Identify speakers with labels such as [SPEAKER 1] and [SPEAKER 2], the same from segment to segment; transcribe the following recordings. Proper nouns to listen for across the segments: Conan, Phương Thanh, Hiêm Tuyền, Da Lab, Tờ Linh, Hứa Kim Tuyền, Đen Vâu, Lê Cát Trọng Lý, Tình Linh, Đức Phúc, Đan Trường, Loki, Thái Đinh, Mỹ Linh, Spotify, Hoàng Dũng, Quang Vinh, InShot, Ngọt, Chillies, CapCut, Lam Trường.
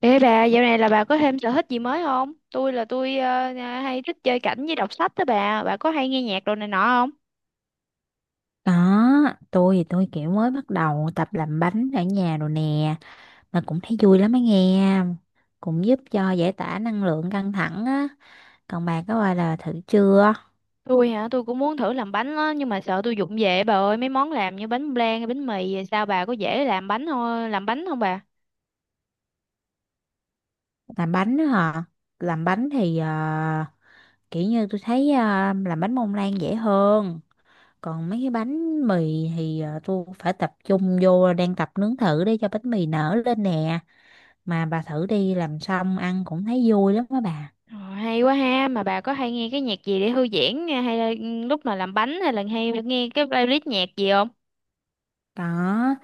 [SPEAKER 1] Ê bà, dạo này là bà có thêm sở thích gì mới không? Tôi hay thích chơi cảnh với đọc sách đó bà. Bà có hay nghe nhạc đồ này nọ không?
[SPEAKER 2] Đó, tôi thì tôi kiểu mới bắt đầu tập làm bánh ở nhà rồi nè, mà cũng thấy vui lắm á nghe, cũng giúp cho giải tỏa năng lượng căng thẳng á. Còn bà có bao giờ thử chưa?
[SPEAKER 1] Tôi hả, tôi cũng muốn thử làm bánh á, nhưng mà sợ tôi vụng về bà ơi, mấy món làm như bánh flan, bánh mì, sao bà có dễ làm bánh thôi, làm bánh không bà?
[SPEAKER 2] Làm bánh đó hả? Làm bánh thì kiểu như tôi thấy làm bánh mông lan dễ hơn. Còn mấy cái bánh mì thì tôi phải tập trung vô đang tập nướng thử để cho bánh mì nở lên nè. Mà bà thử đi làm xong ăn cũng thấy vui lắm á bà.
[SPEAKER 1] Ờ, hay quá ha, mà bà có hay nghe cái nhạc gì để thư giãn hay là lúc mà làm bánh hay là hay nghe cái playlist nhạc gì không?
[SPEAKER 2] Đó,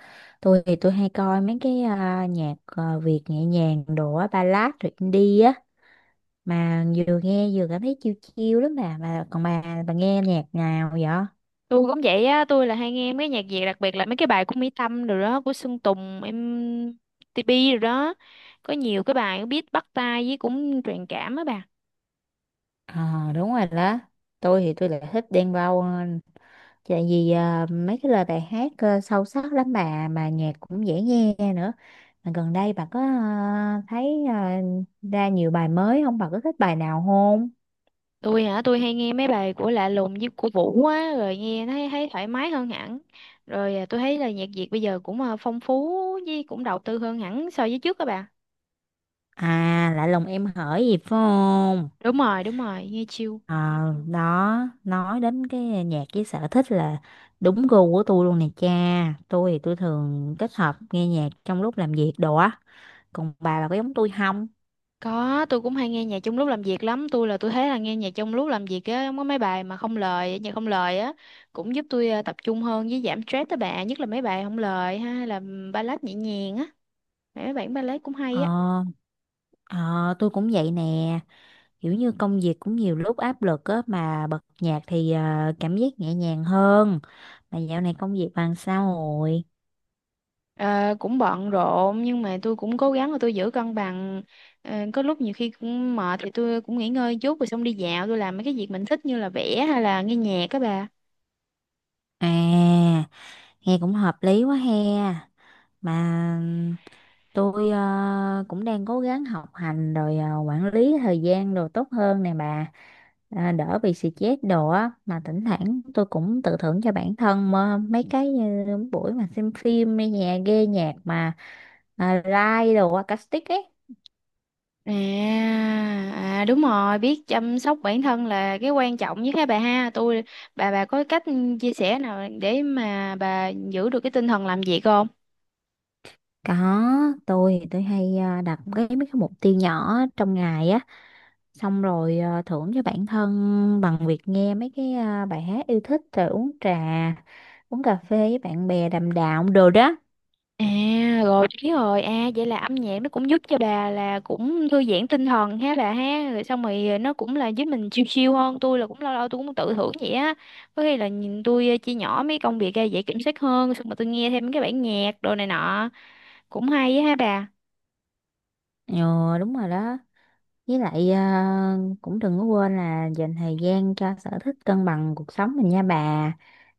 [SPEAKER 2] tôi thì tôi hay coi mấy cái nhạc Việt nhẹ nhàng đồ á, ballad rồi indie á mà vừa nghe vừa cảm thấy chill chill lắm bà mà còn bà nghe nhạc nào vậy?
[SPEAKER 1] Tôi cũng vậy á, tôi là hay nghe mấy nhạc Việt, đặc biệt là mấy cái bài của Mỹ Tâm rồi đó, của Sơn Tùng em TP rồi đó, có nhiều cái bài biết bắt tai với cũng truyền cảm á bà.
[SPEAKER 2] Ờ, đúng rồi đó. Tôi thì tôi lại thích Đen Vâu hơn. Tại vì mấy cái lời bài hát sâu sắc lắm bà mà nhạc cũng dễ nghe nữa. Mà gần đây bà có thấy ra nhiều bài mới không? Bà có thích bài nào không?
[SPEAKER 1] Tôi hả, tôi hay nghe mấy bài của Lạ Lùng với của Vũ á, rồi nghe thấy thấy thoải mái hơn hẳn. Tôi thấy là nhạc Việt bây giờ cũng phong phú với cũng đầu tư hơn hẳn so với trước các bà.
[SPEAKER 2] À, lại lòng em hỡi gì phải không?
[SPEAKER 1] Đúng rồi, đúng rồi, nghe chill.
[SPEAKER 2] Ờ, đó, nói đến cái nhạc với sở thích là đúng gu của tôi luôn nè cha. Tôi thì tôi thường kết hợp nghe nhạc trong lúc làm việc đồ á. Còn bà có giống tôi không?
[SPEAKER 1] Có, tôi cũng hay nghe nhạc trong lúc làm việc lắm. Tôi là tôi thấy là nghe nhạc trong lúc làm việc á, có mấy bài mà không lời, nhạc không lời á, cũng giúp tôi tập trung hơn với giảm stress tới bạn, nhất là mấy bài không lời ha, hay là ballad nhẹ nhàng á. Mấy bản ballad cũng hay á.
[SPEAKER 2] Ờ, ờ, tôi cũng vậy nè. Kiểu như công việc cũng nhiều lúc áp lực á mà bật nhạc thì cảm giác nhẹ nhàng hơn. Mà dạo này công việc bằng sao rồi?
[SPEAKER 1] Ờ, cũng bận rộn nhưng mà tôi cũng cố gắng là tôi giữ cân bằng. Ờ, có lúc nhiều khi cũng mệt thì tôi cũng nghỉ ngơi chút rồi xong đi dạo, tôi làm mấy cái việc mình thích như là vẽ hay là nghe nhạc các bà.
[SPEAKER 2] À, nghe cũng hợp lý quá he. Mà tôi cũng đang cố gắng học hành rồi quản lý thời gian đồ tốt hơn nè bà, đỡ bị stress đồ á mà thỉnh thoảng tôi cũng tự thưởng cho bản thân mà mấy cái như buổi mà xem phim nghe nhạc ghê nhạc mà live đồ acoustic ấy.
[SPEAKER 1] À, à, đúng rồi, biết chăm sóc bản thân là cái quan trọng nhất hả bà ha. Tôi, bà có cách chia sẻ nào để mà bà giữ được cái tinh thần làm việc không?
[SPEAKER 2] Có, tôi thì tôi hay đặt cái mấy cái mục tiêu nhỏ trong ngày á, xong rồi thưởng cho bản thân bằng việc nghe mấy cái bài hát yêu thích rồi uống trà uống cà phê với bạn bè đàm đạo đồ đó.
[SPEAKER 1] À, rồi biết rồi. À vậy là âm nhạc nó cũng giúp cho bà là cũng thư giãn tinh thần ha bà ha. Rồi xong rồi nó cũng là giúp mình chill chill hơn. Tôi là cũng lâu lâu tôi cũng tự thưởng vậy á. Có khi là nhìn tôi chia nhỏ mấy công việc ra dễ kiểm soát hơn, xong rồi tôi nghe thêm cái bản nhạc đồ này nọ cũng hay á ha bà.
[SPEAKER 2] Ừ, đúng rồi đó, với lại cũng đừng có quên là dành thời gian cho sở thích cân bằng cuộc sống mình nha bà,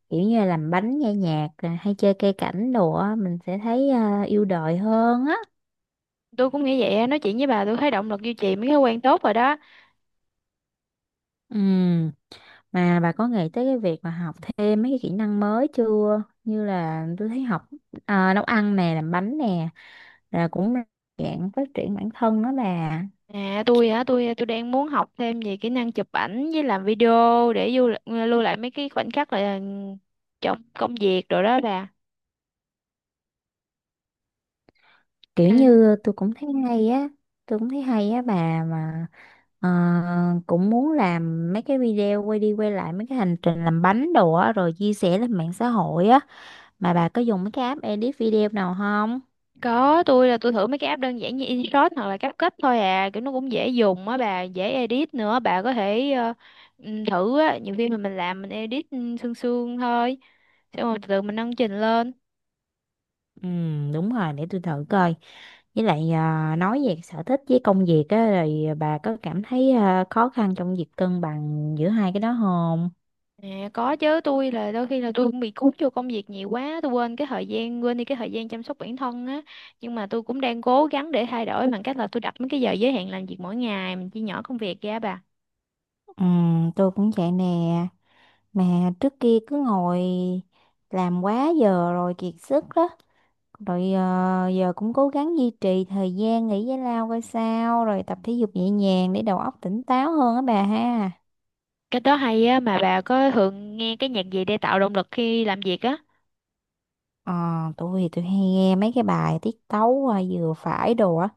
[SPEAKER 2] kiểu như là làm bánh nghe nhạc rồi hay chơi cây cảnh đồ á mình sẽ thấy yêu đời hơn á.
[SPEAKER 1] Tôi cũng nghĩ vậy á, nói chuyện với bà tôi thấy động lực duy trì mấy thói quen tốt rồi đó.
[SPEAKER 2] Ừ, mà bà có nghĩ tới cái việc mà học thêm mấy cái kỹ năng mới chưa, như là tôi thấy học nấu ăn nè làm bánh nè rồi cũng là dạng phát triển bản thân đó bà.
[SPEAKER 1] À, tôi hả, tôi đang muốn học thêm về kỹ năng chụp ảnh với làm video để lưu lại mấy cái khoảnh khắc là trong công việc rồi đó bà.
[SPEAKER 2] Kiểu
[SPEAKER 1] À,
[SPEAKER 2] như tôi cũng thấy hay á, tôi cũng thấy hay á bà, mà ờ, cũng muốn làm mấy cái video quay đi quay lại mấy cái hành trình làm bánh đồ á rồi chia sẻ lên mạng xã hội á. Mà bà có dùng mấy cái app edit video nào không?
[SPEAKER 1] có, tôi là tôi thử mấy cái app đơn giản như InShot hoặc là CapCut thôi à, kiểu nó cũng dễ dùng á bà, dễ edit nữa, bà có thể thử á. Nhiều khi mà mình làm mình edit sương sương thôi, xong rồi từ từ mình nâng trình lên.
[SPEAKER 2] Ừ, đúng rồi, để tôi thử coi. Với lại nói về sở thích với công việc á, rồi bà có cảm thấy khó khăn trong việc cân bằng giữa hai cái đó không?
[SPEAKER 1] À, có chứ, tôi là đôi khi là tôi cũng bị cuốn vô công việc nhiều quá, tôi quên cái thời gian, quên đi cái thời gian chăm sóc bản thân á, nhưng mà tôi cũng đang cố gắng để thay đổi bằng cách là tôi đặt mấy cái giờ giới hạn làm việc mỗi ngày, mình chia nhỏ công việc ra bà.
[SPEAKER 2] Ừ, tôi cũng vậy nè. Mà trước kia cứ ngồi làm quá giờ rồi kiệt sức đó. Rồi giờ cũng cố gắng duy trì thời gian nghỉ giải lao coi sao. Rồi tập thể dục nhẹ nhàng để đầu óc tỉnh táo hơn á bà ha.
[SPEAKER 1] Cái đó hay á, mà bà có thường nghe cái nhạc gì để tạo động lực khi làm việc á?
[SPEAKER 2] Ờ, tôi thì tôi hay nghe mấy cái bài tiết tấu vừa phải đồ á.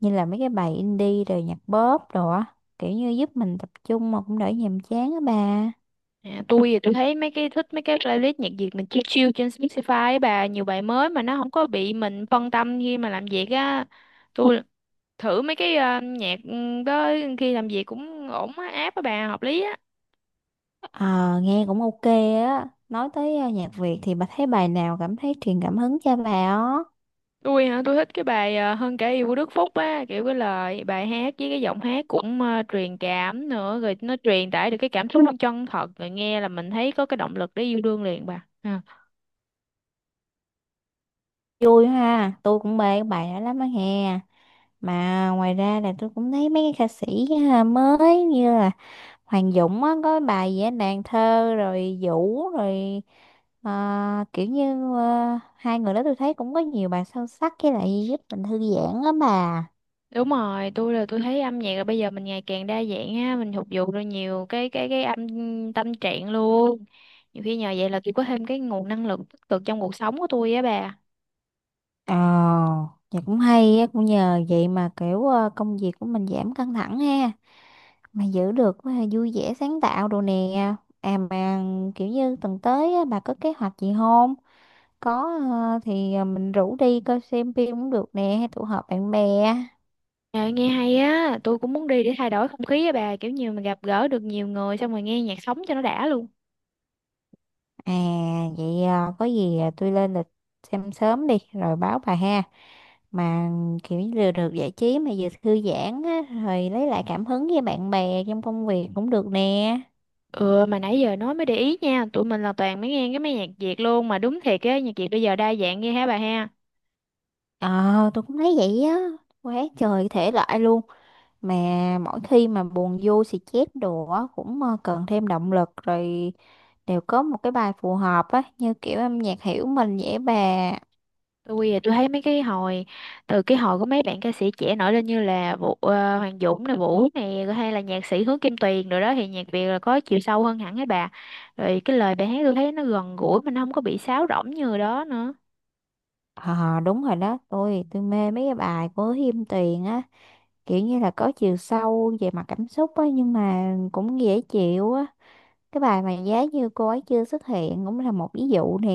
[SPEAKER 2] Như là mấy cái bài indie rồi nhạc pop đồ á. Kiểu như giúp mình tập trung mà cũng đỡ nhàm chán á bà.
[SPEAKER 1] À, tôi thì tôi thấy mấy cái, thích mấy cái playlist nhạc Việt mình chill chill trên Spotify á bà, nhiều bài mới mà nó không có bị mình phân tâm khi mà làm việc á. Tôi thử mấy cái nhạc đó khi làm việc cũng ổn á, app á bà, hợp lý á.
[SPEAKER 2] Ờ, nghe cũng ok á. Nói tới nhạc Việt thì bà thấy bài nào cảm thấy truyền cảm hứng cho bà á?
[SPEAKER 1] Tôi hả, tôi thích cái bài Hơn cả yêu của Đức Phúc á, kiểu cái lời bài hát với cái giọng hát cũng truyền cảm nữa, rồi nó truyền tải được cái cảm xúc chân thật, rồi nghe là mình thấy có cái động lực để yêu đương liền bà. À.
[SPEAKER 2] Vui ha, tôi cũng mê cái bài đó lắm á hè. Mà ngoài ra là tôi cũng thấy mấy cái ca sĩ mới như là Hoàng Dũng á, có bài gì á, nàng thơ rồi Vũ rồi kiểu như hai người đó tôi thấy cũng có nhiều bài sâu sắc với lại giúp mình thư giãn á bà.
[SPEAKER 1] Đúng rồi, tôi là tôi thấy âm nhạc là bây giờ mình ngày càng đa dạng á, mình phục vụ được nhiều cái âm tâm trạng luôn. Nhiều khi nhờ vậy là tôi có thêm cái nguồn năng lượng tích cực trong cuộc sống của tôi á bà.
[SPEAKER 2] Ờ, thì cũng hay á, cũng nhờ vậy mà kiểu công việc của mình giảm căng thẳng ha. Mà giữ được vui vẻ sáng tạo đồ nè. À mà kiểu như tuần tới á, bà có kế hoạch gì không? Có, mình rủ đi coi xem phim cũng được nè hay tụ họp bạn bè.
[SPEAKER 1] À, nghe hay á, tôi cũng muốn đi để thay đổi không khí á bà, kiểu như mình gặp gỡ được nhiều người xong rồi nghe nhạc sống cho nó đã luôn.
[SPEAKER 2] À vậy có gì tôi lên lịch xem sớm đi rồi báo bà ha, mà kiểu như vừa được giải trí mà vừa thư giãn á rồi lấy lại cảm hứng với bạn bè trong công việc cũng được nè.
[SPEAKER 1] Ừ, mà nãy giờ nói mới để ý nha, tụi mình là toàn mới nghe cái mấy nhạc Việt luôn. Mà đúng thiệt á, nhạc Việt bây giờ đa dạng ghê hả bà ha.
[SPEAKER 2] Ờ, tôi cũng thấy vậy á, quá trời thể loại luôn. Mà mỗi khi mà buồn vô xì chét đồ á cũng cần thêm động lực rồi đều có một cái bài phù hợp á, như kiểu âm nhạc hiểu mình dễ bà.
[SPEAKER 1] Tôi thì tôi thấy mấy cái hồi Từ cái hồi có mấy bạn ca sĩ trẻ nổi lên, như là Vũ, Hoàng Dũng này, Vũ này rồi hay là nhạc sĩ Hứa Kim Tuyền rồi đó, thì nhạc Việt là có chiều sâu hơn hẳn ấy bà. Rồi cái lời bài hát tôi thấy nó gần gũi, mà nó không có bị sáo rỗng như đó nữa.
[SPEAKER 2] Ờ đúng rồi đó, tôi mê mấy cái bài của Hiêm Tuyền á, kiểu như là có chiều sâu về mặt cảm xúc á nhưng mà cũng dễ chịu á. Cái bài mà giá như cô ấy chưa xuất hiện cũng là một ví dụ nè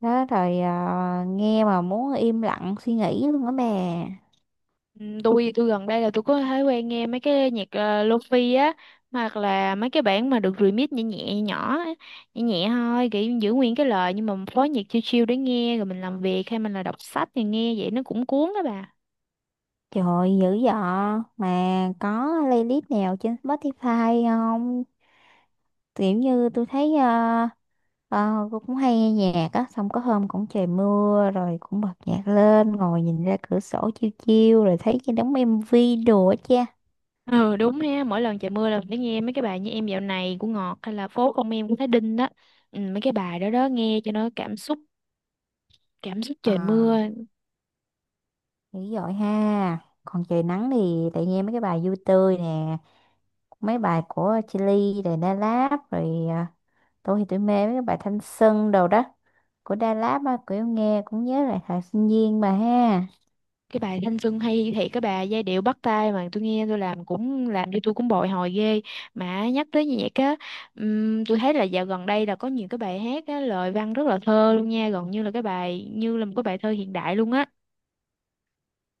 [SPEAKER 2] đó, rồi nghe mà muốn im lặng suy nghĩ luôn á bè.
[SPEAKER 1] Ừ, tôi gần đây là tôi có thói quen nghe mấy cái nhạc lofi á, hoặc là mấy cái bản mà được remix nhẹ nhẹ nhỏ á, nhẹ nhẹ thôi, kiểu giữ nguyên cái lời nhưng mà phối nhạc chill chill để nghe rồi mình làm việc hay mình là đọc sách thì nghe vậy nó cũng cuốn đó bà.
[SPEAKER 2] Trời, dữ dọ. Mà có playlist nào trên Spotify không? Kiểu như tôi thấy ờ, cô cũng hay nghe nhạc á, xong có hôm cũng trời mưa rồi cũng bật nhạc lên, ngồi nhìn ra cửa sổ chiêu chiêu rồi thấy cái đống MV đồ á cha.
[SPEAKER 1] Ừ đúng ha, mỗi lần trời mưa là phải nghe mấy cái bài như Em dạo này của Ngọt hay là Phố không em của Thái Đinh đó. Ừ, mấy cái bài đó đó nghe cho nó cảm xúc, cảm xúc
[SPEAKER 2] Ờ,
[SPEAKER 1] trời mưa.
[SPEAKER 2] dữ dội ha. Còn trời nắng thì lại nghe mấy cái bài vui tươi nè, mấy bài của Chillies rồi Da Lab rồi tôi thì tôi mê mấy cái bài Thanh Xuân đồ đó của Da Lab á, kiểu nghe cũng nhớ lại thời sinh viên mà ha.
[SPEAKER 1] Cái bài Thanh Xuân hay thiệt, cái bài giai điệu bắt tai mà tôi nghe tôi làm cũng làm cho tôi cũng bồi hồi ghê. Mà nhắc tới nhạc á, tôi thấy là dạo gần đây là có nhiều cái bài hát á lời văn rất là thơ luôn nha, gần như là cái bài như là một cái bài thơ hiện đại luôn á.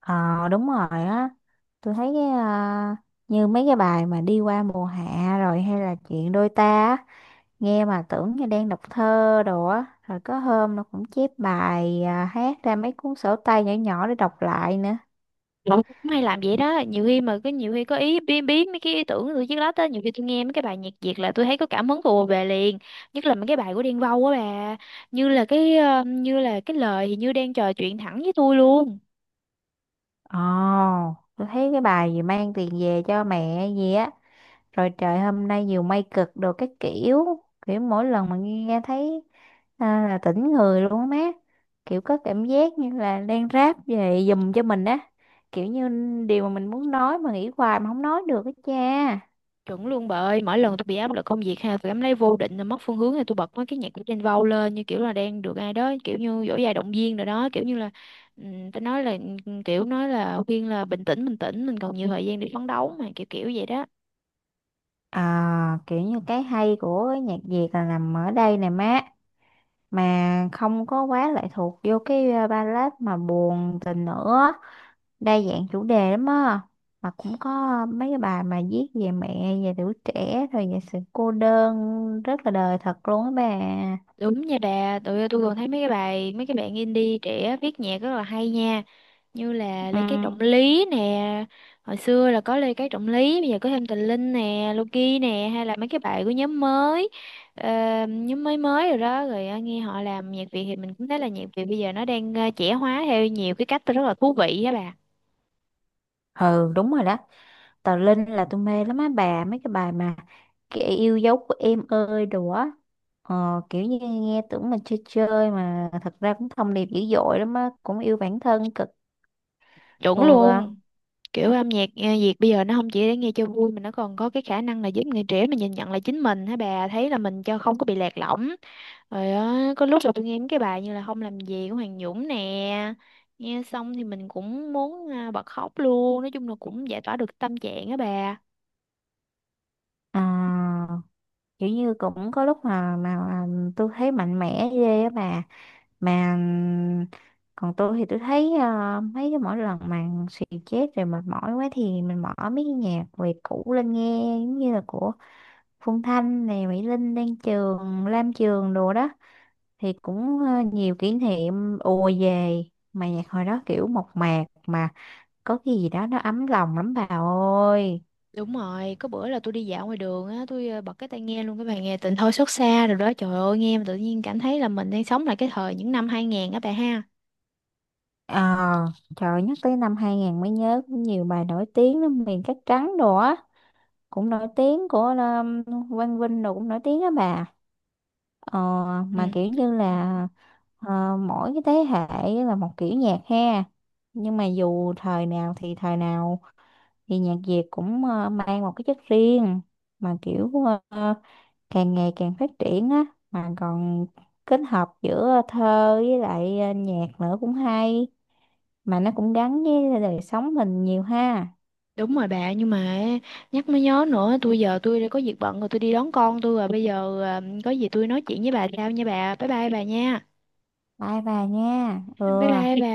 [SPEAKER 2] Ờ đúng rồi á, tôi thấy cái như mấy cái bài mà đi qua mùa hạ rồi hay là chuyện đôi ta á, nghe mà tưởng như đang đọc thơ đồ á rồi có hôm nó cũng chép bài hát ra mấy cuốn sổ tay nhỏ nhỏ để đọc lại nữa.
[SPEAKER 1] Tôi cũng hay làm vậy đó, nhiều khi mà cái nhiều khi có ý biến biến mấy cái ý tưởng của tôi chiếc lát á, nhiều khi tôi nghe mấy cái bài nhạc Việt là tôi thấy có cảm hứng tôi về liền, nhất là mấy cái bài của Đen Vâu á bà, như là cái như là cái lời thì như đang trò chuyện thẳng với tôi luôn.
[SPEAKER 2] Ồ, tôi thấy cái bài gì mang tiền về cho mẹ gì á rồi trời hôm nay nhiều mây cực đồ các kiểu, kiểu mỗi lần mà nghe thấy là tỉnh người luôn á má, kiểu có cảm giác như là đang ráp về giùm cho mình á, kiểu như điều mà mình muốn nói mà nghĩ hoài mà không nói được á cha.
[SPEAKER 1] Chuẩn luôn bà ơi, mỗi lần tôi bị áp lực công việc ha, tôi cảm thấy vô định là mất phương hướng thì tôi bật mấy cái nhạc của Trên Vâu lên, như kiểu là đang được ai đó kiểu như dỗ dài động viên rồi đó, kiểu như là tôi nói là kiểu nói là khuyên là bình tĩnh, mình còn nhiều thời gian để phấn đấu mà, kiểu kiểu vậy đó.
[SPEAKER 2] À, kiểu như cái hay của cái nhạc Việt là nằm ở đây nè má, mà không có quá lệ thuộc vô cái ballad mà buồn tình nữa, đa dạng chủ đề lắm á, mà cũng có mấy cái bài mà viết về mẹ về tuổi trẻ rồi về sự cô đơn rất là đời thật luôn á bà.
[SPEAKER 1] Đúng nha bà, tụi tôi còn thấy mấy cái bài mấy cái bạn indie trẻ viết nhạc rất là hay nha. Như là
[SPEAKER 2] ừ
[SPEAKER 1] Lê Cát Trọng Lý nè, hồi xưa là có Lê Cát Trọng Lý, bây giờ có thêm Tình Linh nè, Loki nè, hay là mấy cái bài của nhóm mới, ờ, nhóm mới mới rồi đó, rồi nghe họ làm nhạc Việt thì mình cũng thấy là nhạc Việt bây giờ nó đang trẻ hóa theo nhiều cái cách rất là thú vị á bà.
[SPEAKER 2] ừ đúng rồi đó. Tờ Linh là tôi mê lắm á bà, mấy cái bài mà kẻ yêu dấu của em ơi đồ á, kiểu như nghe tưởng mình chơi chơi mà thật ra cũng thông điệp dữ dội lắm á, cũng yêu bản thân cực
[SPEAKER 1] Chuẩn
[SPEAKER 2] vừa.
[SPEAKER 1] luôn. Kiểu âm nhạc Việt bây giờ nó không chỉ để nghe cho vui mà nó còn có cái khả năng là giúp người trẻ mình nhìn nhận lại chính mình hả bà, thấy là mình cho không có bị lạc lõng rồi á. Có lúc là tôi nghe mấy cái bài như là Không làm gì của Hoàng Dũng nè, nghe xong thì mình cũng muốn bật khóc luôn, nói chung là cũng giải tỏa được tâm trạng á bà.
[SPEAKER 2] À, kiểu như cũng có lúc mà tôi thấy mạnh mẽ ghê á bà. Mà còn tôi thì tôi thấy mấy cái mỗi lần mà xì chết rồi mệt mỏi quá thì mình mở mấy cái nhạc về cũ lên nghe giống như là của Phương Thanh này Mỹ Linh Đan Trường Lam Trường đồ đó thì cũng nhiều kỷ niệm ùa về, mà nhạc hồi đó kiểu mộc mạc mà có cái gì đó nó ấm lòng lắm bà ơi.
[SPEAKER 1] Đúng rồi, có bữa là tôi đi dạo ngoài đường á, tôi bật cái tai nghe luôn cái bài nghe Tình thôi xót xa rồi đó, trời ơi nghe mà tự nhiên cảm thấy là mình đang sống lại cái thời những năm 2000 á bà ha.
[SPEAKER 2] Ờ, trời nhắc tới năm 2000 mới nhớ cũng nhiều bài nổi tiếng lắm, miền cát trắng đồ á cũng nổi tiếng của Quang Vinh rồi cũng nổi tiếng á bà. Ờ, mà
[SPEAKER 1] Ừ.
[SPEAKER 2] kiểu như là ờ, Mỗi cái thế hệ là một kiểu nhạc ha, nhưng mà dù thời nào thì nhạc Việt cũng mang một cái chất riêng, mà kiểu ờ, càng ngày càng phát triển á, mà còn kết hợp giữa thơ với lại nhạc nữa cũng hay, mà nó cũng gắn với đời sống mình nhiều ha.
[SPEAKER 1] Đúng rồi bà, nhưng mà nhắc mới nhớ nữa, tôi giờ tôi đã có việc bận rồi, tôi đi đón con tôi rồi, bây giờ có gì tôi nói chuyện với bà sau nha bà, bye bye bà nha,
[SPEAKER 2] Bye bà nha. Ừ.
[SPEAKER 1] bye bye bà